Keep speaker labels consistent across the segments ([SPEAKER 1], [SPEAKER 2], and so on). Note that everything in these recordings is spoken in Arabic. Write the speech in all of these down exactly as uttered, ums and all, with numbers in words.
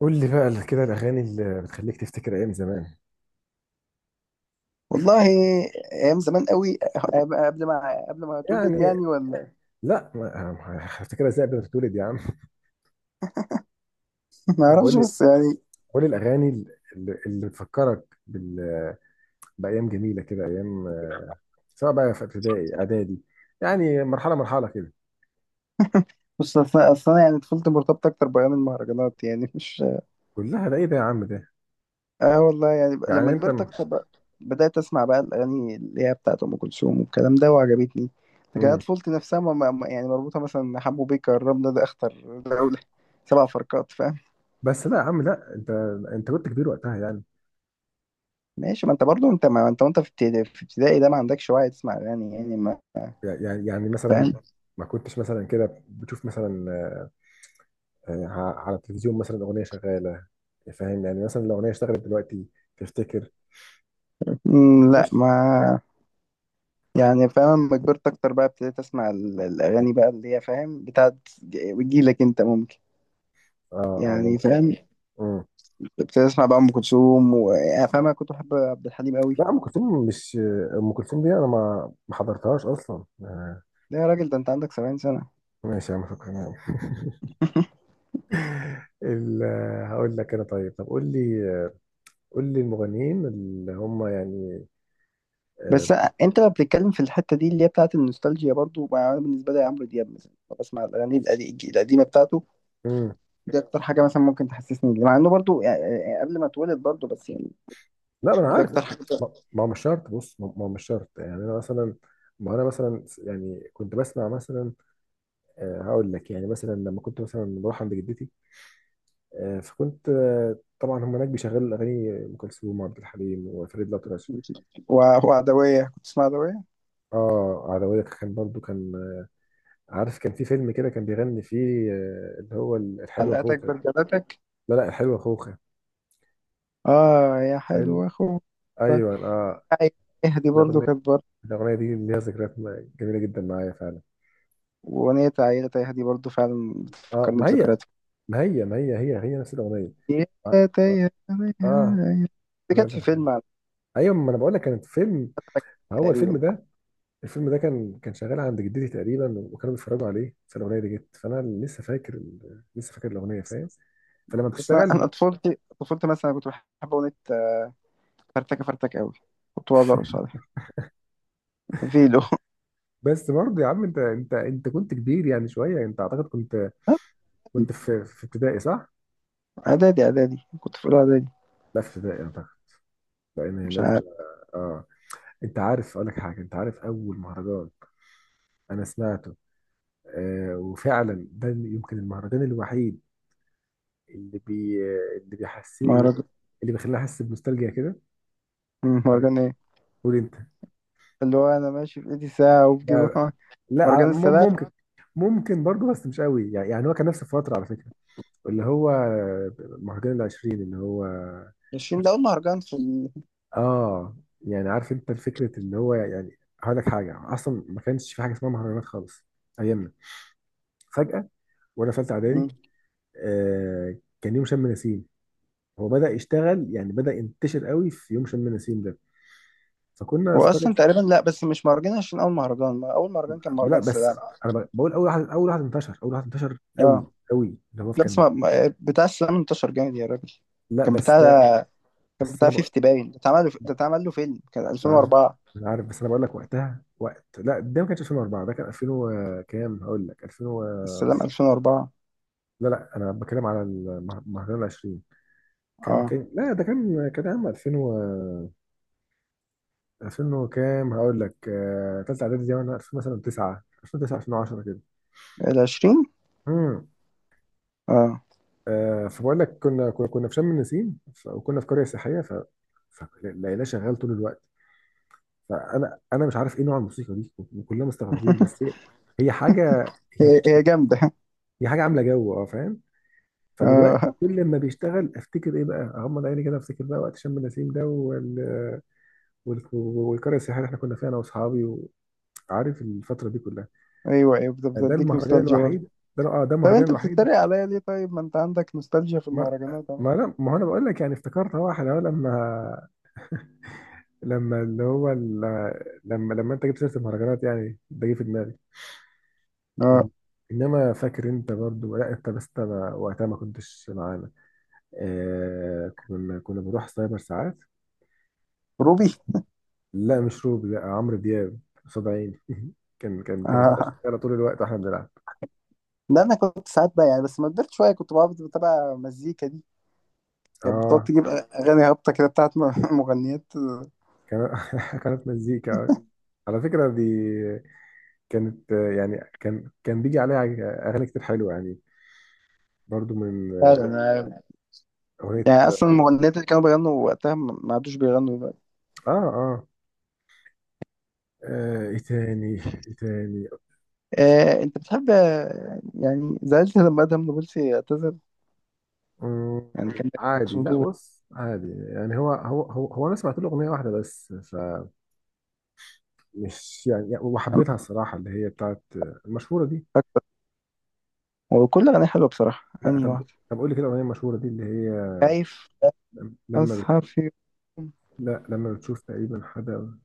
[SPEAKER 1] قول لي بقى كده الاغاني اللي بتخليك تفتكر ايام زمان.
[SPEAKER 2] والله، ايام زمان قوي. قبل ما قبل ما اتولد
[SPEAKER 1] يعني
[SPEAKER 2] يعني، ولا
[SPEAKER 1] لا ما ما- هفتكرها ازاي قبل ما تتولد يا عم؟
[SPEAKER 2] ما
[SPEAKER 1] انا بقول
[SPEAKER 2] اعرفش،
[SPEAKER 1] لي
[SPEAKER 2] بس يعني.
[SPEAKER 1] بقول لي الاغاني اللي, اللي بتفكرك بال... بايام جميله كده، ايام، سواء بقى في ابتدائي اعدادي، يعني مرحله مرحله كده.
[SPEAKER 2] بص، اصلا اصلا يعني طفولتي مرتبطه اكتر بايام المهرجانات يعني، مش...
[SPEAKER 1] كلها ده ايه ده يا عم ده؟
[SPEAKER 2] اه والله. يعني بقى
[SPEAKER 1] يعني
[SPEAKER 2] لما
[SPEAKER 1] انت
[SPEAKER 2] كبرت
[SPEAKER 1] م...
[SPEAKER 2] اكتر بقى بدات اسمع بقى الاغاني اللي هي بتاعت ام كلثوم والكلام ده، وعجبتني. لكن أنا
[SPEAKER 1] مم.
[SPEAKER 2] طفولتي نفسها ما ما- ما- يعني مربوطه مثلا حمو بيكا، الرمله ده اخطر دوله، سبع فرقات، فاهم.
[SPEAKER 1] بس لا يا عم، لا، انت انت كنت كبير وقتها يعني
[SPEAKER 2] ماشي، ما انت برضو، انت ما انت وانت في ابتدائي في ابتدائي ده ما عندكش وعي تسمع اغاني يعني، ما
[SPEAKER 1] يعني يعني مثلا
[SPEAKER 2] فاهم.
[SPEAKER 1] ما كنتش مثلا كده بتشوف مثلا، يعني ع- على التلفزيون مثلا اغنيه شغاله؟ فاهم يعني، مثلا لو اغنيه اشتغلت دلوقتي تفتكر؟
[SPEAKER 2] مم، لا
[SPEAKER 1] ايش؟
[SPEAKER 2] ما يعني فاهم، لما كبرت اكتر بقى ابتديت اسمع ال- الاغاني بقى اللي هي فاهم بتاعت، ج- بتجيلك انت ممكن،
[SPEAKER 1] اه، اه،
[SPEAKER 2] يعني
[SPEAKER 1] ممكن.
[SPEAKER 2] فاهم.
[SPEAKER 1] مم.
[SPEAKER 2] ابتديت اسمع بقى ام كلثوم، ويعني فاهم انا كنت بحب عبد الحليم قوي.
[SPEAKER 1] لا، ام كلثوم مش آه، ام كلثوم دي انا ما ما حضرتهاش اصلا، آه.
[SPEAKER 2] لا يا راجل، ده انت عندك سبعين سنه.
[SPEAKER 1] ماشي يا عم، شكرا يا عم. ال- آه، هقول لك انا، طيب طب قول لي، آه، قول لي المغنيين اللي هم يعني. آه.
[SPEAKER 2] بس انت لما بتتكلم في الحته دي اللي هي بتاعت النوستالجيا برضو، ما انا بالنسبه لي عمرو دياب مثلا بسمع الاغاني القدي- القديمه بتاعته،
[SPEAKER 1] مم.
[SPEAKER 2] دي اكتر حاجه مثلا ممكن تحسسني بيه. مع انه برضو يعني، يعني قبل ما اتولد برضو، بس يعني
[SPEAKER 1] لا، ما انا
[SPEAKER 2] دي
[SPEAKER 1] عارف،
[SPEAKER 2] اكتر
[SPEAKER 1] لا.
[SPEAKER 2] حاجه.
[SPEAKER 1] ما ما هو مش شرط، بص ما ما هو مش شرط، يعني انا مثلا، ما انا مثلا يعني كنت بسمع مثلا، آه، هقول لك يعني مثلا لما كنت مثلا بروح عند جدتي، آه، فكنت، آه، طبعا هم هناك بيشغلوا اغاني ام كلثوم وعبد الحليم وفريد الأطرش.
[SPEAKER 2] و- وعدويه، كنت تسمع عدويه؟
[SPEAKER 1] اه، عدوية كان برضو كان، آه، عارف كان في فيلم كده كان بيغني فيه، آه، اللي هو الحلوة
[SPEAKER 2] حلقاتك
[SPEAKER 1] خوخة.
[SPEAKER 2] برجلاتك.
[SPEAKER 1] لا لا، الحلوة خوخة.
[SPEAKER 2] اه يا
[SPEAKER 1] حلو،
[SPEAKER 2] حلو اخو،
[SPEAKER 1] ايوه، اه.
[SPEAKER 2] يهدي برضو
[SPEAKER 1] الاغنية،
[SPEAKER 2] كانت برضه.
[SPEAKER 1] الاغنية دي ليها ذكريات م- جميلة جدا معايا فعلا.
[SPEAKER 2] واغنية عيلة تيهدي برضو فعلا
[SPEAKER 1] اه،
[SPEAKER 2] بتفكرني
[SPEAKER 1] ما هي
[SPEAKER 2] بذكريات.
[SPEAKER 1] ما هي ما هي، هي هي نفس الاغنية.
[SPEAKER 2] يا
[SPEAKER 1] اه، اه،
[SPEAKER 2] تيهدي،
[SPEAKER 1] آه،
[SPEAKER 2] دي كانت في فيلم على
[SPEAKER 1] ايوه ما انا بقول لك كانت فيلم.
[SPEAKER 2] فكرة
[SPEAKER 1] هو الفيلم
[SPEAKER 2] تقريبا.
[SPEAKER 1] ده، الفيلم ده كان كان شغال عند جدتي تقريبا، وكانوا بيتفرجوا عليه، فالاغنيه دي جت، فانا لسه فاكر ال- لسه فاكر الاغنيه، فاهم؟ فلما
[SPEAKER 2] بس انا،
[SPEAKER 1] بتشتغل.
[SPEAKER 2] أنا طفولتي طفولتي مثلا كنت بحب اغنية فرتكة فرتكة قوي. كنت بقدر صالح فيلو.
[SPEAKER 1] بس برضه يا عم، انت انت انت كنت كبير يعني شويه، انت اعتقد كنت، كنت في في ابتدائي صح؟
[SPEAKER 2] اعدادي، اعدادي كنت في اولى اعدادي.
[SPEAKER 1] لا، في ابتدائي اعتقد، لان هي
[SPEAKER 2] مش عارف.
[SPEAKER 1] نازله. اه. انت عارف اقول لك حاجه؟ انت عارف اول مهرجان انا سمعته، آه وفعلا ده يمكن المهرجان الوحيد اللي بي اللي بيحسني
[SPEAKER 2] مهرجان.
[SPEAKER 1] اللي بيخليني احس بنوستالجيا كده.
[SPEAKER 2] مم، مهرجان ايه؟
[SPEAKER 1] قول انت.
[SPEAKER 2] اللي هو، انا ماشي في ايدي ساعة وبجيب.
[SPEAKER 1] لا لا، على-
[SPEAKER 2] مهرجان
[SPEAKER 1] مم-
[SPEAKER 2] السلام
[SPEAKER 1] ممكن. ممكن برضه بس مش قوي يعني، يعني هو كان نفس الفترة على فكرة، اللي هو مهرجان العشرين، اللي هو.
[SPEAKER 2] عشرين، ده اول مهرجان في ال...
[SPEAKER 1] اه يعني عارف انت فكرة، اللي هو يعني هقول لك حاجة، اصلا ما كانش في حاجة اسمها مهرجانات خالص ايامنا. فجأة وانا في ثالثة
[SPEAKER 2] مم.
[SPEAKER 1] اعدادي، آه كان يوم شم نسيم، هو بدأ يشتغل يعني، بدأ ينتشر قوي في يوم شم نسيم ده، فكنا
[SPEAKER 2] هو
[SPEAKER 1] في قرية.
[SPEAKER 2] اصلا تقريبا، لا بس مش مهرجان، عشان اول مهرجان، ما اول مهرجان كان
[SPEAKER 1] لا
[SPEAKER 2] مهرجان
[SPEAKER 1] بس
[SPEAKER 2] السلام.
[SPEAKER 1] انا ب- بقول، اول واحد اول واحد انتشر اول واحد انتشر قوي
[SPEAKER 2] اه.
[SPEAKER 1] قوي، اللي هو في
[SPEAKER 2] لا بس،
[SPEAKER 1] كان.
[SPEAKER 2] ما ما- بتاع السلام انتشر جامد يا راجل.
[SPEAKER 1] لا
[SPEAKER 2] كان بتاع
[SPEAKER 1] بس ده،
[SPEAKER 2] كان
[SPEAKER 1] بس
[SPEAKER 2] بتاع
[SPEAKER 1] انا بقول،
[SPEAKER 2] خمسين باين، ده اتعمل له- ده اتعمل له فيلم، كان
[SPEAKER 1] انا عارف
[SPEAKER 2] ألفين وأربعة.
[SPEAKER 1] انا عارف بس انا بقول لك وقتها، وقت لا ده ما كانش ألفين وأربعة، ده كان ألفين و- كام، هقول لك ألفين و...
[SPEAKER 2] السلام ألفين وأربعة.
[SPEAKER 1] لا لا، انا بتكلم على المه- مهرجان ال عشرين. كان
[SPEAKER 2] اه،
[SPEAKER 1] كان لا ده كان كان عام ألفين و ألفين وكام، هقول لك، آه، تالتة اعدادي دي، وانا ألفين مثلا تسعة، ألفين وتسعة ألفين وعشرة كده.
[SPEAKER 2] ال عشرين.
[SPEAKER 1] امم.
[SPEAKER 2] اه،
[SPEAKER 1] آه فبقول لك كنا كنا كنا في شم النسيم، ف- وكنا في قريه سياحيه، ف فلقيناه شغال طول الوقت. فانا انا مش عارف ايه نوع الموسيقى دي، وكلنا مستغربين، بس هي هي حاجه، هي
[SPEAKER 2] هي هي جامده.
[SPEAKER 1] دي حاجه عامله جو، اه فاهم؟ فدلوقتي
[SPEAKER 2] اه.
[SPEAKER 1] كل ما بيشتغل افتكر ايه بقى، اغمض عيني كده افتكر بقى وقت شم نسيم ده وال... وال... والقريه السياحيه اللي احنا كنا فيها انا واصحابي، وعارف الفتره دي كلها.
[SPEAKER 2] ايوه، ايوه، بت-
[SPEAKER 1] ده
[SPEAKER 2] بتديك
[SPEAKER 1] المهرجان
[SPEAKER 2] نوستالجيا برضه.
[SPEAKER 1] الوحيد، ده اه ده
[SPEAKER 2] طب
[SPEAKER 1] المهرجان
[SPEAKER 2] انت
[SPEAKER 1] الوحيد.
[SPEAKER 2] بتتريق عليا ليه؟ طيب ما انت عندك نوستالجيا في
[SPEAKER 1] ما
[SPEAKER 2] المهرجانات اهو.
[SPEAKER 1] ما انا، ما هو انا بقول لك يعني افتكرت، هو احنا لما، لما اللي هو ال... لما لما انت جبت سيره المهرجانات يعني، ده جه في دماغي. إن-
[SPEAKER 2] اه،
[SPEAKER 1] انما فاكر انت برضو، لا انت، بس انا وقتها ما كنتش معانا، آه كنا كنا بنروح سايبر ساعات.
[SPEAKER 2] روبي.
[SPEAKER 1] لا مش روبي، لا عمرو دياب قصاد عيني. كان كان كانت بتبقى
[SPEAKER 2] اه
[SPEAKER 1] شغاله طول الوقت واحنا بنلعب.
[SPEAKER 2] لا، انا كنت ساعات بقى يعني، بس ما كبرت شويه كنت بقعد بتابع مزيكا دي، كانت بتقعد
[SPEAKER 1] اه.
[SPEAKER 2] تجيب أغاني هابطة كده بتاعت م- مغنيات.
[SPEAKER 1] كان. كانت مزيكا، على فكره دي، كانت، آه، يعني كان كان بيجي عليها اغاني كتير حلوه يعني، برضو من،
[SPEAKER 2] فعلا
[SPEAKER 1] آه،
[SPEAKER 2] أنا-
[SPEAKER 1] اغنيه.
[SPEAKER 2] يعني أصلا المغنيات اللي كانوا بيغنوا وقتها ما ما عادوش بيغنوا دلوقتي.
[SPEAKER 1] اه اه آه، ايه تاني؟ ايه تاني
[SPEAKER 2] آه، أنت بتحب، آه، يعني زعلت لما أدهم نابلسي اعتزل؟
[SPEAKER 1] مم،
[SPEAKER 2] يعني كان لك
[SPEAKER 1] عادي. لا،
[SPEAKER 2] صوته
[SPEAKER 1] بص عادي يعني، هو هو هو, هو انا سمعت له اغنيه واحده بس، فمش يعني، وحبيتها الصراحه، اللي هي بتاعت المشهوره دي.
[SPEAKER 2] أكتر، وكل أغنية حلوة بصراحة،
[SPEAKER 1] لا
[SPEAKER 2] أنهي
[SPEAKER 1] طب،
[SPEAKER 2] واحدة.
[SPEAKER 1] طب قول لي كده الاغنيه المشهوره دي اللي هي
[SPEAKER 2] خايف
[SPEAKER 1] لما بت...
[SPEAKER 2] أسهر في يوم.
[SPEAKER 1] لا، لما بتشوف تقريبا حدا.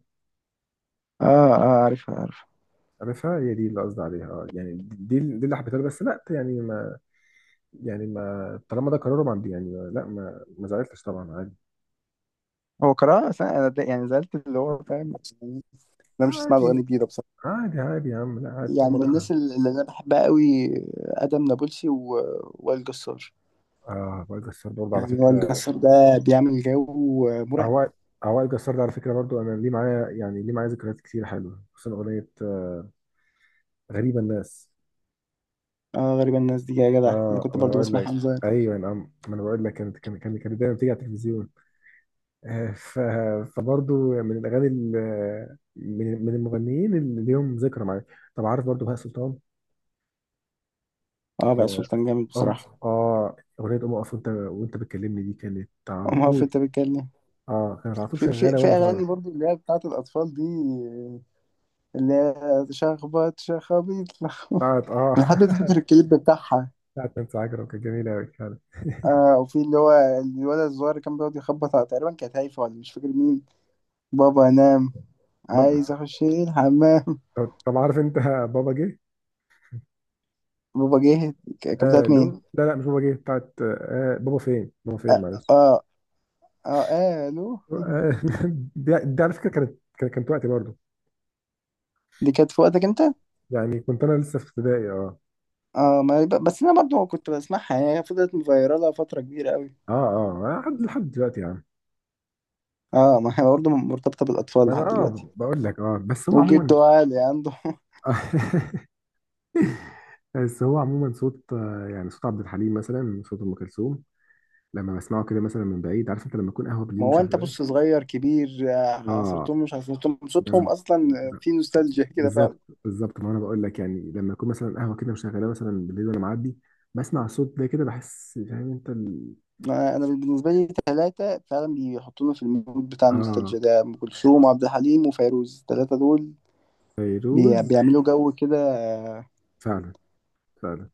[SPEAKER 2] آه، آه، عارفها عارفها.
[SPEAKER 1] عارفها، هي دي اللي قصدي عليها، اه يعني، دي دي اللي حبيتها له، بس لا يعني، ما يعني، ما طالما ده قرارهم، عندي يعني ما- لا، ما ما زعلتش طبعا، عادي.
[SPEAKER 2] هو قراءة أصلا، أنا ده- يعني زعلت اللي هو فاهم، أنا مش هسمع الأغاني
[SPEAKER 1] عادي،
[SPEAKER 2] الجديدة بصراحة.
[SPEAKER 1] عادي، عادي يا عم، لا عادي طالما
[SPEAKER 2] يعني من
[SPEAKER 1] ده قرار.
[SPEAKER 2] الناس اللي أنا بحبها قوي، آدم نابلسي ووائل جسار.
[SPEAKER 1] اه، وائل جسار برضه على
[SPEAKER 2] يعني هو
[SPEAKER 1] فكره.
[SPEAKER 2] الجسار ده بيعمل جو مرعب.
[SPEAKER 1] هو وائل جسار ده على فكره برضه، انا ليه معايا يعني، ليه معايا ذكريات كتير حلوه، خصوصا اغنيه، آه، غريبه الناس.
[SPEAKER 2] اه، غريبة الناس دي يا جدع، انا
[SPEAKER 1] اه،
[SPEAKER 2] كنت
[SPEAKER 1] ما انا
[SPEAKER 2] برضو
[SPEAKER 1] بقول
[SPEAKER 2] بسمع
[SPEAKER 1] لك،
[SPEAKER 2] حمزة.
[SPEAKER 1] ايوه يا عم، ما انا بقول لك، كانت كانت كانت كانت دايما بتيجي على التلفزيون، آه، ف... فبرضو يعني من الاغاني ال... من من المغنيين اللي ليهم ذكرى معايا. طب عارف برضو بهاء سلطان،
[SPEAKER 2] اه، بقى
[SPEAKER 1] آه،
[SPEAKER 2] سلطان جامد
[SPEAKER 1] أم
[SPEAKER 2] بصراحة.
[SPEAKER 1] آه أغنية أم أقف وأنت، وأنت بتكلمني دي كانت على
[SPEAKER 2] أما هو في
[SPEAKER 1] طول،
[SPEAKER 2] انت بتتكلم،
[SPEAKER 1] آه كانت على طول
[SPEAKER 2] في في
[SPEAKER 1] شغالة
[SPEAKER 2] في
[SPEAKER 1] وأنا صغير.
[SPEAKER 2] اغاني برضو اللي هي بتاعت الاطفال دي، اللي هي شخبط شخابيط لخبط.
[SPEAKER 1] بتاعت، آه
[SPEAKER 2] انا لحد دلوقتي فاكر الكليب بتاعها.
[SPEAKER 1] بتاعت نانسي عجرم، كانت جميلة أوي فعلا.
[SPEAKER 2] آه، وفي اللي هو الولد الصغير اللي كان بيقعد يخبط على- تقريبا كانت هايفة، ولا مش فاكر مين. بابا نام، عايز
[SPEAKER 1] بابا.
[SPEAKER 2] اخش الحمام.
[SPEAKER 1] طب، طب عارف أنت بابا جه؟
[SPEAKER 2] بابا جه، ك- كانت
[SPEAKER 1] آه
[SPEAKER 2] بتاعت
[SPEAKER 1] لو،
[SPEAKER 2] مين؟
[SPEAKER 1] لا لا، مش بابا جه، بتاعت، آه بابا فين؟ بابا فين معلش.
[SPEAKER 2] اه. اه, آه، الو.
[SPEAKER 1] آه. دي, دي على فكرة، كانت كانت كانت وقتي برضه،
[SPEAKER 2] دي كانت في وقتك انت.
[SPEAKER 1] يعني كنت أنا لسه في ابتدائي. آه
[SPEAKER 2] اه، ما يبقى- بس انا برضو كنت بسمعها، يعني هي فضلت مفيرالة فترة كبيرة قوي.
[SPEAKER 1] اه، اه، آه، لحد لحد دلوقتي يا عم.
[SPEAKER 2] اه، ما هي برضو مرتبطة بالاطفال
[SPEAKER 1] ما انا،
[SPEAKER 2] لحد
[SPEAKER 1] اه
[SPEAKER 2] دلوقتي.
[SPEAKER 1] بقول لك، اه بس هو عموما.
[SPEAKER 2] وجده عالي عنده.
[SPEAKER 1] بس هو عموما صوت، آه، يعني صوت عبد الحليم مثلا، صوت ام كلثوم، لما بسمعه كده مثلا من بعيد، عارف انت لما يكون قهوه
[SPEAKER 2] ما
[SPEAKER 1] بالليل
[SPEAKER 2] هو انت
[SPEAKER 1] مشغلاه.
[SPEAKER 2] بص، صغير كبير، آه،
[SPEAKER 1] اه.
[SPEAKER 2] عصرتهم، مش عصرتهم، صوتهم
[SPEAKER 1] انا
[SPEAKER 2] اصلا في نوستالجيا كده فعلا.
[SPEAKER 1] بالظبط. بالظبط، ما انا بقول لك يعني، لما يكون مثلا قهوه كده مشغلاه مثلا بالليل وانا معدي، بسمع صوت ده كده بحس، فاهم انت ال...
[SPEAKER 2] ما انا بالنسبة لي ثلاثة فعلا بيحطونا في المود بتاع
[SPEAKER 1] اه.
[SPEAKER 2] النوستالجيا ده، ام كلثوم وعبد الحليم وفيروز، الثلاثة دول بي-
[SPEAKER 1] فيروز.
[SPEAKER 2] بيعملوا جو كده، آه،
[SPEAKER 1] فعلا، فعلا،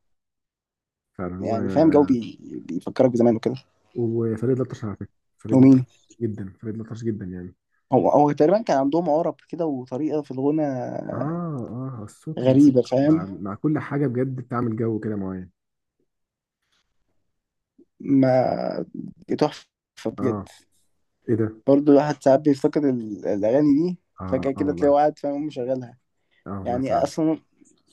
[SPEAKER 1] فعلا هو.
[SPEAKER 2] يعني فاهم جو بي... بيفكرك بزمان وكده.
[SPEAKER 1] وفريد الأطرش على فكره. فريد
[SPEAKER 2] ومين؟
[SPEAKER 1] الأطرش جدا، فريد الأطرش جدا يعني.
[SPEAKER 2] هو هو تقريبا كان عندهم عرب كده، وطريقة في الغنى
[SPEAKER 1] اه، اه، الصوت
[SPEAKER 2] غريبة،
[SPEAKER 1] والموسيقى مع
[SPEAKER 2] فاهم.
[SPEAKER 1] مع كل حاجة بجد بتعمل جو كده معين.
[SPEAKER 2] ما، تحفة
[SPEAKER 1] اه،
[SPEAKER 2] بجد.
[SPEAKER 1] ايه ده.
[SPEAKER 2] برضه الواحد ساعات بيفتقد ال- الأغاني دي،
[SPEAKER 1] اه،
[SPEAKER 2] فجأة
[SPEAKER 1] اه،
[SPEAKER 2] كده تلاقيه
[SPEAKER 1] والله.
[SPEAKER 2] قاعد فاهم مشغلها.
[SPEAKER 1] اه، والله
[SPEAKER 2] يعني
[SPEAKER 1] فعلا.
[SPEAKER 2] أصلا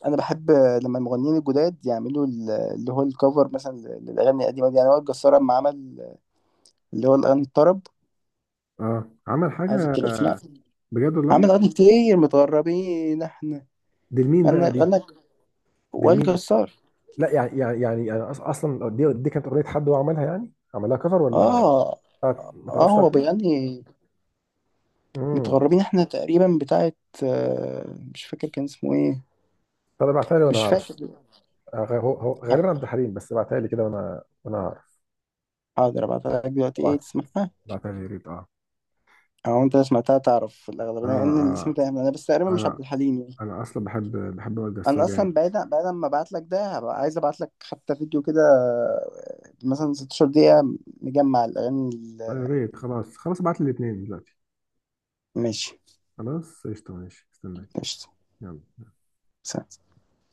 [SPEAKER 2] أنا بحب لما المغنيين الجداد يعملوا ال- اللي هو الكفر مثلا للأغاني القديمة دي، يعني وائل جسار لما عمل اللي هو الأغاني الطرب،
[SPEAKER 1] اه، عمل
[SPEAKER 2] عايزك
[SPEAKER 1] حاجة،
[SPEAKER 2] كده اسمع.
[SPEAKER 1] بجد والله.
[SPEAKER 2] عمل أغاني كتير، متغربين احنا.
[SPEAKER 1] دي لمين بقى
[SPEAKER 2] غنى
[SPEAKER 1] دي؟
[SPEAKER 2] غنى
[SPEAKER 1] دي
[SPEAKER 2] وائل
[SPEAKER 1] لمين أصلا؟
[SPEAKER 2] جسار.
[SPEAKER 1] لا يعني، يعني يعني أنا أص- اصلا، دي دي كانت اغنيه حد هو عملها يعني، عملها كفر ولا
[SPEAKER 2] اه،
[SPEAKER 1] بتاعت؟ ما
[SPEAKER 2] اه،
[SPEAKER 1] تعرفش
[SPEAKER 2] هو
[SPEAKER 1] بتاعت مين؟
[SPEAKER 2] بيغني
[SPEAKER 1] امم.
[SPEAKER 2] متغربين احنا تقريبا، بتاعت آه، مش فاكر كان اسمه ايه.
[SPEAKER 1] طب ابعتها لي وانا
[SPEAKER 2] مش فاكر.
[SPEAKER 1] هعرف. آه، غ- هو هو غالبا عبد الحليم، بس ابعتها لي كده، وانا وانا هعرف.
[SPEAKER 2] حاضر ابعتها لك دلوقتي ايه
[SPEAKER 1] ابعت.
[SPEAKER 2] تسمعها.
[SPEAKER 1] بعتها لي يا ريت. اه.
[SPEAKER 2] او انت سمعتها تعرف في الاغلب،
[SPEAKER 1] اه،
[SPEAKER 2] لان الاسم
[SPEAKER 1] اه،
[SPEAKER 2] ده انا بس تقريبا مش
[SPEAKER 1] انا،
[SPEAKER 2] عبد الحليم يعني.
[SPEAKER 1] انا اصلا بحب، بحب وائل
[SPEAKER 2] انا
[SPEAKER 1] جسار يعني.
[SPEAKER 2] اصلا بعيد، بعد ما ابعت لك ده هبقى عايز ابعت لك حتى فيديو كده آه، مثلا ستاشر دقيقة مجمع الاغاني
[SPEAKER 1] يا
[SPEAKER 2] ال-
[SPEAKER 1] ريت، خلاص، خلاص، ابعت لي الاثنين دلوقتي.
[SPEAKER 2] ماشي،
[SPEAKER 1] خلاص، قشطة، ماشي استناك.
[SPEAKER 2] قشطة.
[SPEAKER 1] يلا.
[SPEAKER 2] سلام.